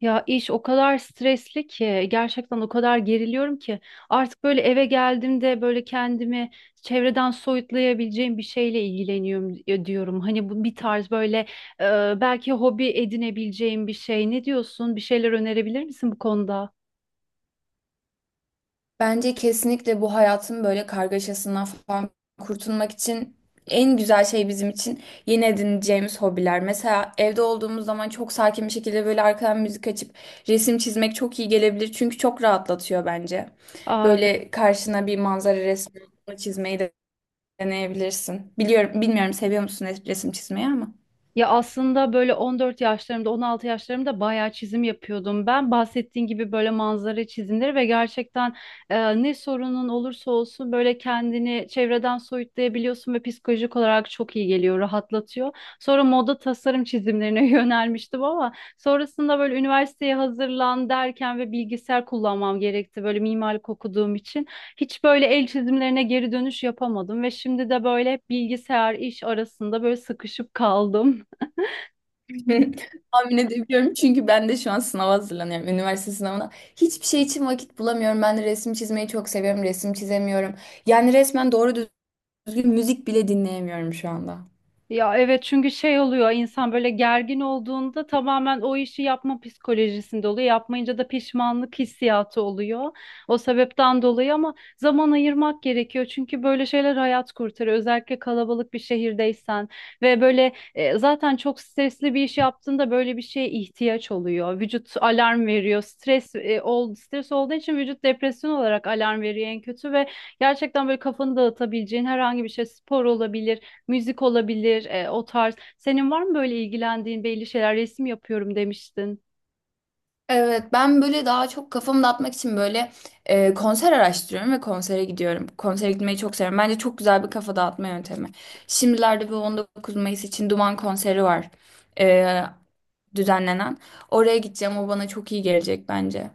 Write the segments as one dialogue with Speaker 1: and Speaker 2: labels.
Speaker 1: Ya iş o kadar stresli ki gerçekten o kadar geriliyorum ki artık böyle eve geldiğimde böyle kendimi çevreden soyutlayabileceğim bir şeyle ilgileniyorum diyorum. Hani bu bir tarz böyle belki hobi edinebileceğim bir şey. Ne diyorsun? Bir şeyler önerebilir misin bu konuda?
Speaker 2: Bence kesinlikle bu hayatın böyle kargaşasından falan kurtulmak için en güzel şey bizim için yeni edineceğimiz hobiler. Mesela evde olduğumuz zaman çok sakin bir şekilde böyle arkadan müzik açıp resim çizmek çok iyi gelebilir. Çünkü çok rahatlatıyor bence.
Speaker 1: Aa,
Speaker 2: Böyle karşına bir manzara resmi çizmeyi de deneyebilirsin. Biliyorum, bilmiyorum seviyor musun resim çizmeyi ama.
Speaker 1: ya aslında böyle 14 yaşlarımda, 16 yaşlarımda bayağı çizim yapıyordum. Ben bahsettiğin gibi böyle manzara çizimleri ve gerçekten ne sorunun olursa olsun böyle kendini çevreden soyutlayabiliyorsun ve psikolojik olarak çok iyi geliyor, rahatlatıyor. Sonra moda tasarım çizimlerine yönelmiştim ama sonrasında böyle üniversiteye hazırlan derken ve bilgisayar kullanmam gerekti böyle mimarlık okuduğum için. Hiç böyle el çizimlerine geri dönüş yapamadım ve şimdi de böyle hep bilgisayar iş arasında böyle sıkışıp kaldım.
Speaker 2: Tahmin edebiliyorum çünkü ben de şu an sınava hazırlanıyorum. Üniversite sınavına. Hiçbir şey için vakit bulamıyorum. Ben de resim çizmeyi çok seviyorum. Resim çizemiyorum. Yani resmen doğru düzgün müzik bile dinleyemiyorum şu anda.
Speaker 1: Ya evet, çünkü şey oluyor, insan böyle gergin olduğunda tamamen o işi yapma psikolojisinde oluyor. Yapmayınca da pişmanlık hissiyatı oluyor. O sebepten dolayı ama zaman ayırmak gerekiyor. Çünkü böyle şeyler hayat kurtarıyor. Özellikle kalabalık bir şehirdeysen ve böyle zaten çok stresli bir iş yaptığında böyle bir şeye ihtiyaç oluyor. Vücut alarm veriyor. Stres e, ol Stres olduğu için vücut depresyon olarak alarm veriyor en kötü ve gerçekten böyle kafanı dağıtabileceğin herhangi bir şey spor olabilir, müzik olabilir, o tarz. Senin var mı böyle ilgilendiğin belli şeyler? Resim yapıyorum demiştin.
Speaker 2: Evet ben böyle daha çok kafamı dağıtmak için böyle konser araştırıyorum ve konsere gidiyorum. Konsere gitmeyi çok seviyorum. Bence çok güzel bir kafa dağıtma yöntemi. Şimdilerde bu 19 Mayıs için Duman konseri var e, düzenlenen. Oraya gideceğim o bana çok iyi gelecek bence.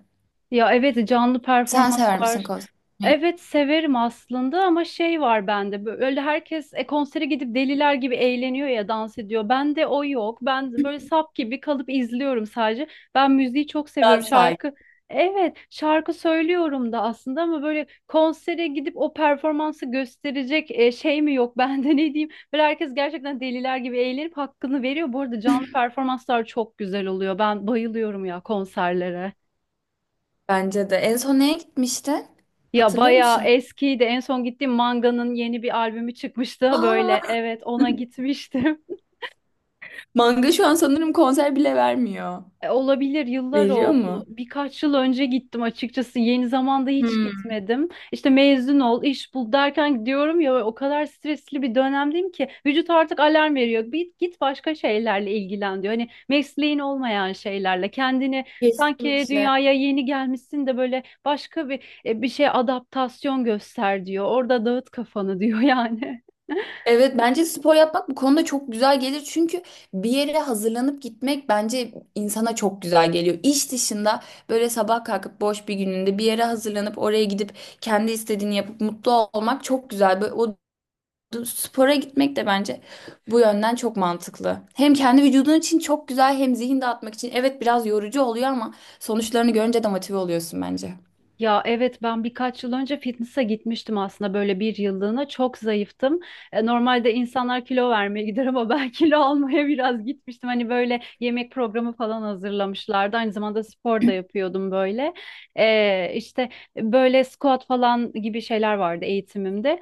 Speaker 1: Ya evet, canlı
Speaker 2: Sen sever misin
Speaker 1: performanslar.
Speaker 2: konser?
Speaker 1: Evet severim aslında ama şey var bende, böyle herkes konsere gidip deliler gibi eğleniyor ya, dans ediyor. Bende o yok. Ben böyle sap gibi kalıp izliyorum sadece. Ben müziği çok
Speaker 2: Daha
Speaker 1: seviyorum, şarkı.
Speaker 2: sakin.
Speaker 1: Evet şarkı söylüyorum da aslında ama böyle konsere gidip o performansı gösterecek şey mi yok bende ne diyeyim. Böyle herkes gerçekten deliler gibi eğlenip hakkını veriyor. Bu arada canlı performanslar çok güzel oluyor. Ben bayılıyorum ya konserlere.
Speaker 2: Bence de. En son neye gitmişti?
Speaker 1: Ya
Speaker 2: Hatırlıyor
Speaker 1: bayağı
Speaker 2: musun?
Speaker 1: eskiydi. En son gittiğim Manga'nın yeni bir albümü çıkmıştı böyle.
Speaker 2: Aa,
Speaker 1: Evet, ona gitmiştim.
Speaker 2: manga şu an sanırım konser bile vermiyor.
Speaker 1: Olabilir, yıllar
Speaker 2: Veriyor
Speaker 1: oldu.
Speaker 2: mu?
Speaker 1: Birkaç yıl önce gittim açıkçası. Yeni zamanda hiç
Speaker 2: Hmm,
Speaker 1: gitmedim. İşte mezun ol, iş bul derken, diyorum ya, o kadar stresli bir dönemdeyim ki vücut artık alarm veriyor. Bir git başka şeylerle ilgilen diyor. Hani mesleğin olmayan şeylerle kendini, sanki
Speaker 2: kesinlikle.
Speaker 1: dünyaya yeni gelmişsin de böyle, başka bir bir şey adaptasyon göster diyor. Orada dağıt kafanı diyor yani.
Speaker 2: Evet bence spor yapmak bu konuda çok güzel gelir. Çünkü bir yere hazırlanıp gitmek bence insana çok güzel geliyor. İş dışında böyle sabah kalkıp boş bir gününde bir yere hazırlanıp oraya gidip kendi istediğini yapıp mutlu olmak çok güzel. Böyle, o spora gitmek de bence bu yönden çok mantıklı. Hem kendi vücudun için çok güzel hem zihin dağıtmak için. Evet biraz yorucu oluyor ama sonuçlarını görünce de motive oluyorsun bence.
Speaker 1: Ya evet, ben birkaç yıl önce fitness'a gitmiştim aslında, böyle bir yıllığına, çok zayıftım. Normalde insanlar kilo vermeye gider ama ben kilo almaya biraz gitmiştim. Hani böyle yemek programı falan hazırlamışlardı. Aynı zamanda spor da yapıyordum böyle. İşte böyle squat falan gibi şeyler vardı eğitimimde.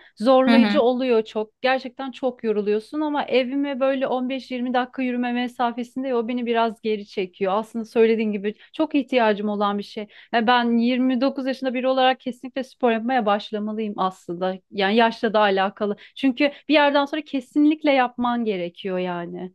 Speaker 2: Hı
Speaker 1: Zorlayıcı
Speaker 2: hı.
Speaker 1: oluyor çok. Gerçekten çok yoruluyorsun ama evime böyle 15-20 dakika yürüme mesafesinde, o beni biraz geri çekiyor. Aslında söylediğin gibi çok ihtiyacım olan bir şey. Ya ben 29 yaşında biri olarak kesinlikle spor yapmaya başlamalıyım aslında. Yani yaşla da alakalı. Çünkü bir yerden sonra kesinlikle yapman gerekiyor yani.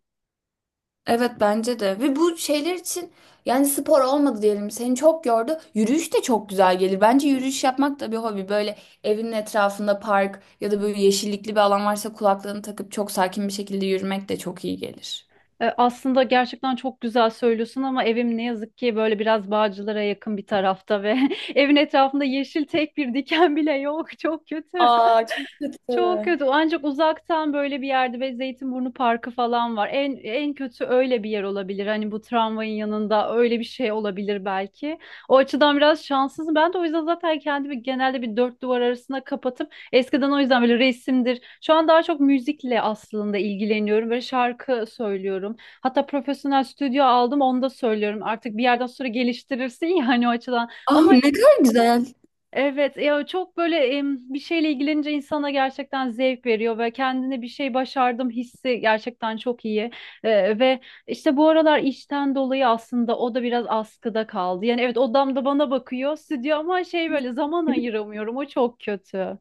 Speaker 2: Evet bence de ve bu şeyler için yani spor olmadı diyelim seni çok yordu yürüyüş de çok güzel gelir bence yürüyüş yapmak da bir hobi böyle evinin etrafında park ya da böyle yeşillikli bir alan varsa kulaklığını takıp çok sakin bir şekilde yürümek de çok iyi gelir.
Speaker 1: Aslında gerçekten çok güzel söylüyorsun ama evim ne yazık ki böyle biraz Bağcılar'a yakın bir tarafta ve evin etrafında yeşil tek bir diken bile yok. Çok kötü.
Speaker 2: Aa çok kötü.
Speaker 1: Çok kötü. Ancak uzaktan böyle bir yerde ve Zeytinburnu Parkı falan var. En en kötü öyle bir yer olabilir. Hani bu tramvayın yanında öyle bir şey olabilir belki. O açıdan biraz şanssızım. Ben de o yüzden zaten kendimi genelde bir dört duvar arasına kapatıp eskiden o yüzden böyle resimdir. Şu an daha çok müzikle aslında ilgileniyorum. Böyle şarkı söylüyorum. Hatta profesyonel stüdyo aldım, onu da söylüyorum. Artık bir yerden sonra geliştirirsin yani o açıdan.
Speaker 2: Ah
Speaker 1: Ama
Speaker 2: ne kadar güzel.
Speaker 1: evet ya, çok böyle bir şeyle ilgilenince insana gerçekten zevk veriyor ve kendine bir şey başardım hissi gerçekten çok iyi. Ve işte bu aralar işten dolayı aslında o da biraz askıda kaldı. Yani evet, odamda bana bakıyor stüdyo ama şey, böyle zaman ayıramıyorum, o çok kötü.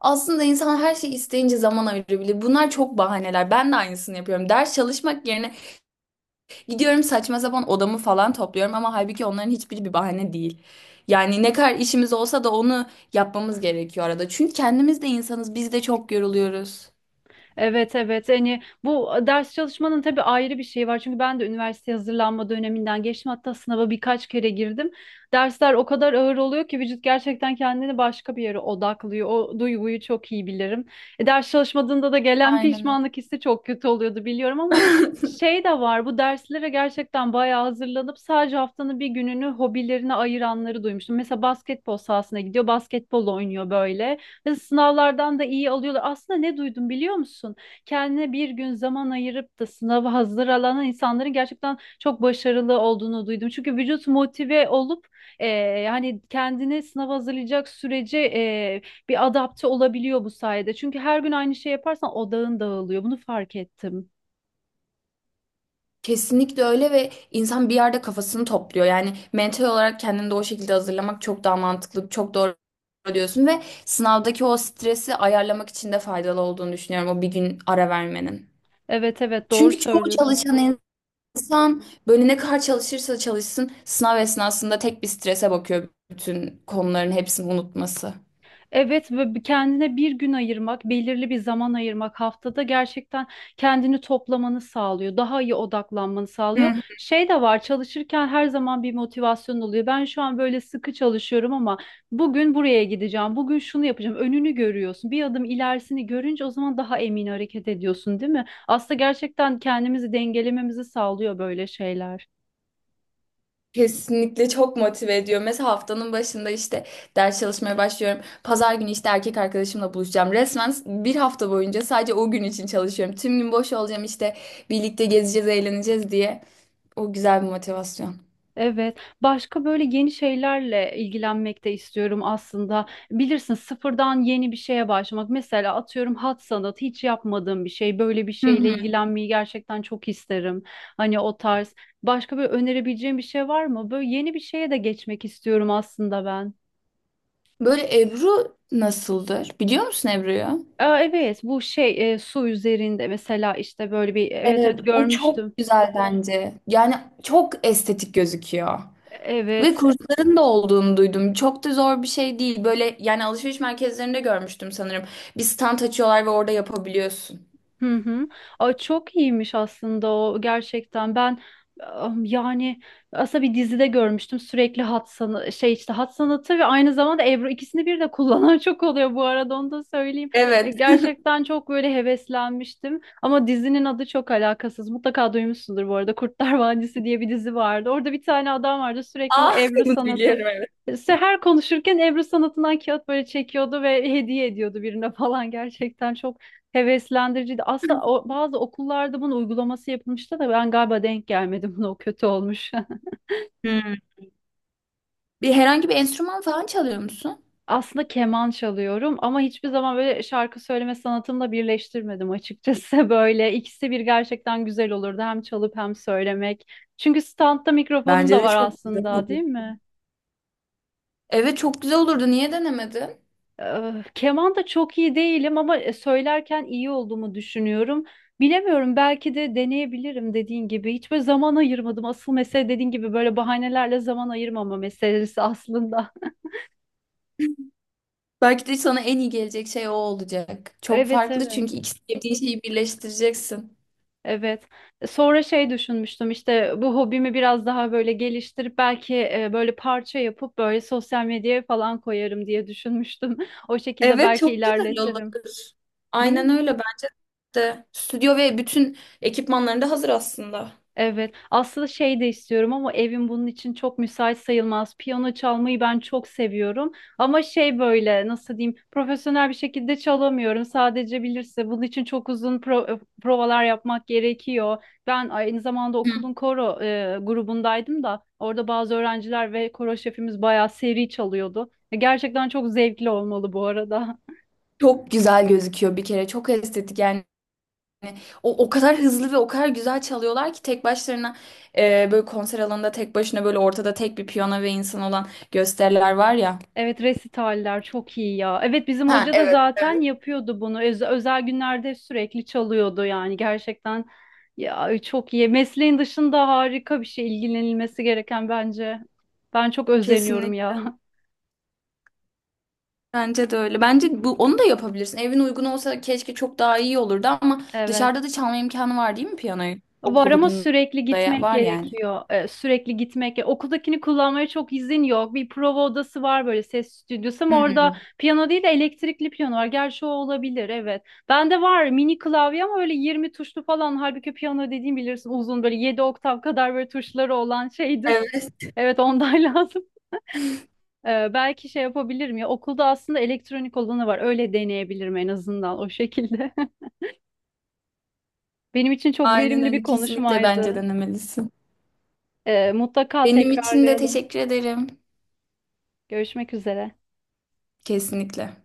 Speaker 2: Aslında insan her şeyi isteyince zaman ayırabilir. Bunlar çok bahaneler. Ben de aynısını yapıyorum. Ders çalışmak yerine gidiyorum saçma sapan odamı falan topluyorum ama halbuki onların hiçbiri bir bahane değil. Yani ne kadar işimiz olsa da onu yapmamız gerekiyor arada. Çünkü kendimiz de insanız. Biz de çok yoruluyoruz.
Speaker 1: Evet evet, hani bu ders çalışmanın tabii ayrı bir şeyi var çünkü ben de üniversite hazırlanma döneminden geçtim, hatta sınava birkaç kere girdim. Dersler o kadar ağır oluyor ki vücut gerçekten kendini başka bir yere odaklıyor. O duyguyu çok iyi bilirim. Ders çalışmadığında da gelen
Speaker 2: Aynen
Speaker 1: pişmanlık hissi çok kötü oluyordu biliyorum ama
Speaker 2: öyle.
Speaker 1: şey de var, bu derslere gerçekten bayağı hazırlanıp sadece haftanın bir gününü hobilerine ayıranları duymuştum. Mesela basketbol sahasına gidiyor basketbol oynuyor böyle. Sınavlardan da iyi alıyorlar. Aslında ne duydum biliyor musun? Kendine bir gün zaman ayırıp da sınava hazırlanan insanların gerçekten çok başarılı olduğunu duydum. Çünkü vücut motive olup yani kendini sınava hazırlayacak sürece bir adapte olabiliyor bu sayede. Çünkü her gün aynı şey yaparsan odağın dağılıyor. Bunu fark ettim.
Speaker 2: Kesinlikle öyle ve insan bir yerde kafasını topluyor. Yani mental olarak kendini de o şekilde hazırlamak çok daha mantıklı, çok doğru diyorsun ve sınavdaki o stresi ayarlamak için de faydalı olduğunu düşünüyorum o bir gün ara vermenin.
Speaker 1: Evet evet, doğru
Speaker 2: Çünkü çoğu
Speaker 1: söylüyorsun.
Speaker 2: çalışan insan böyle ne kadar çalışırsa çalışsın sınav esnasında tek bir strese bakıyor bütün konuların hepsini unutması.
Speaker 1: Evet ve kendine bir gün ayırmak, belirli bir zaman ayırmak haftada, gerçekten kendini toplamanı sağlıyor. Daha iyi odaklanmanı
Speaker 2: Hı.
Speaker 1: sağlıyor. Şey de var, çalışırken her zaman bir motivasyon oluyor. Ben şu an böyle sıkı çalışıyorum ama bugün buraya gideceğim, bugün şunu yapacağım. Önünü görüyorsun. Bir adım ilerisini görünce o zaman daha emin hareket ediyorsun, değil mi? Aslında gerçekten kendimizi dengelememizi sağlıyor böyle şeyler.
Speaker 2: Kesinlikle çok motive ediyor. Mesela haftanın başında işte ders çalışmaya başlıyorum. Pazar günü işte erkek arkadaşımla buluşacağım. Resmen bir hafta boyunca sadece o gün için çalışıyorum. Tüm gün boş olacağım işte birlikte gezeceğiz, eğleneceğiz diye. O güzel bir motivasyon.
Speaker 1: Evet, başka böyle yeni şeylerle ilgilenmek de istiyorum aslında. Bilirsin, sıfırdan yeni bir şeye başlamak. Mesela atıyorum, hat sanatı hiç yapmadığım bir şey. Böyle bir
Speaker 2: Hı
Speaker 1: şeyle
Speaker 2: hı.
Speaker 1: ilgilenmeyi gerçekten çok isterim. Hani o tarz. Başka böyle önerebileceğim bir şey var mı? Böyle yeni bir şeye de geçmek istiyorum aslında ben.
Speaker 2: Böyle Ebru nasıldır? Biliyor musun Ebru'yu?
Speaker 1: Aa, evet, bu şey su üzerinde mesela işte böyle bir, evet evet,
Speaker 2: Evet, o çok
Speaker 1: görmüştüm.
Speaker 2: güzel bence. Yani çok estetik gözüküyor. Ve
Speaker 1: Evet,
Speaker 2: kursların da olduğunu duydum. Çok da zor bir şey değil. Böyle yani alışveriş merkezlerinde görmüştüm sanırım. Bir stand açıyorlar ve orada yapabiliyorsun.
Speaker 1: hı hı. Ay çok iyiymiş aslında o gerçekten. Ben yani aslında bir dizide görmüştüm, sürekli hat sanatı şey, işte hat sanatı ve aynı zamanda Ebru, ikisini bir de kullanan çok oluyor bu arada, onu da söyleyeyim. Ve
Speaker 2: Evet.
Speaker 1: gerçekten çok böyle heveslenmiştim ama dizinin adı çok alakasız. Mutlaka duymuşsundur bu arada, Kurtlar Vadisi diye bir dizi vardı. Orada bir tane adam vardı sürekli bu
Speaker 2: Aa,
Speaker 1: Ebru
Speaker 2: bunu
Speaker 1: sanatın.
Speaker 2: biliyorum evet.
Speaker 1: İşte her konuşurken Ebru sanatından kağıt böyle çekiyordu ve hediye ediyordu birine falan, gerçekten çok heveslendiriciydi. Aslında bazı okullarda bunun uygulaması yapılmıştı da ben galiba denk gelmedim buna. O kötü olmuş.
Speaker 2: Hmm. Bir herhangi bir enstrüman falan çalıyor musun?
Speaker 1: Aslında keman çalıyorum ama hiçbir zaman böyle şarkı söyleme sanatımla birleştirmedim açıkçası. Böyle ikisi bir gerçekten güzel olurdu. Hem çalıp hem söylemek. Çünkü standta mikrofonum
Speaker 2: Bence
Speaker 1: da
Speaker 2: de
Speaker 1: var
Speaker 2: çok güzel
Speaker 1: aslında,
Speaker 2: olur.
Speaker 1: değil mi?
Speaker 2: Evet çok güzel olurdu. Niye denemedin?
Speaker 1: Keman da çok iyi değilim ama söylerken iyi olduğumu düşünüyorum. Bilemiyorum, belki de deneyebilirim dediğin gibi. Hiç böyle zaman ayırmadım. Asıl mesele dediğin gibi böyle bahanelerle zaman ayırmama meselesi aslında.
Speaker 2: Belki de sana en iyi gelecek şey o olacak. Çok
Speaker 1: Evet
Speaker 2: farklı
Speaker 1: evet
Speaker 2: çünkü iki sevdiğin şeyi birleştireceksin.
Speaker 1: evet. Sonra şey düşünmüştüm, işte bu hobimi biraz daha böyle geliştirip belki böyle parça yapıp böyle sosyal medyaya falan koyarım diye düşünmüştüm. O şekilde
Speaker 2: Evet
Speaker 1: belki
Speaker 2: çok güzel olur.
Speaker 1: ilerletirim. Değil
Speaker 2: Aynen
Speaker 1: mi?
Speaker 2: öyle bence. De. Stüdyo ve bütün ekipmanların da hazır aslında.
Speaker 1: Evet. Aslında şey de istiyorum ama evim bunun için çok müsait sayılmaz. Piyano çalmayı ben çok seviyorum. Ama şey, böyle nasıl diyeyim, profesyonel bir şekilde çalamıyorum. Sadece bilirse bunun için çok uzun provalar yapmak gerekiyor. Ben aynı zamanda
Speaker 2: Hı.
Speaker 1: okulun koro grubundaydım da, orada bazı öğrenciler ve koro şefimiz bayağı seri çalıyordu. Gerçekten çok zevkli olmalı bu arada.
Speaker 2: Çok güzel gözüküyor bir kere. Çok estetik yani. O kadar hızlı ve o kadar güzel çalıyorlar ki tek başlarına böyle konser alanında tek başına böyle ortada tek bir piyano ve insan olan gösteriler var ya.
Speaker 1: Evet, resitaller çok iyi ya. Evet bizim
Speaker 2: Ha
Speaker 1: hoca da
Speaker 2: evet
Speaker 1: zaten
Speaker 2: evet.
Speaker 1: yapıyordu bunu. Özel günlerde sürekli çalıyordu yani, gerçekten ya çok iyi. Mesleğin dışında harika bir şey, ilgilenilmesi gereken bence. Ben çok özeniyorum
Speaker 2: Kesinlikle
Speaker 1: ya.
Speaker 2: bence de öyle. Bence bu onu da yapabilirsin. Evin uygun olsa keşke çok daha iyi olurdu ama
Speaker 1: Evet.
Speaker 2: dışarıda da çalma imkanı var değil mi piyanoyu?
Speaker 1: Var ama sürekli
Speaker 2: Okulunda ya-
Speaker 1: gitmek
Speaker 2: var yani.
Speaker 1: gerekiyor. Sürekli gitmek. Okuldakini kullanmaya çok izin yok. Bir prova odası var böyle, ses stüdyosu, ama
Speaker 2: Hı.
Speaker 1: orada piyano değil de elektrikli piyano var. Gerçi o olabilir, evet. Bende var mini klavye ama öyle 20 tuşlu falan. Halbuki piyano dediğim bilirsin, uzun, böyle 7 oktav kadar böyle tuşları olan şeydir.
Speaker 2: Evet.
Speaker 1: Evet ondan lazım. Belki şey yapabilirim ya, okulda aslında elektronik olanı var. Öyle deneyebilirim en azından o şekilde. Benim için çok
Speaker 2: Aynen
Speaker 1: verimli bir
Speaker 2: öyle. Kesinlikle bence
Speaker 1: konuşmaydı.
Speaker 2: denemelisin.
Speaker 1: Mutlaka
Speaker 2: Benim için de
Speaker 1: tekrarlayalım.
Speaker 2: teşekkür ederim.
Speaker 1: Görüşmek üzere.
Speaker 2: Kesinlikle.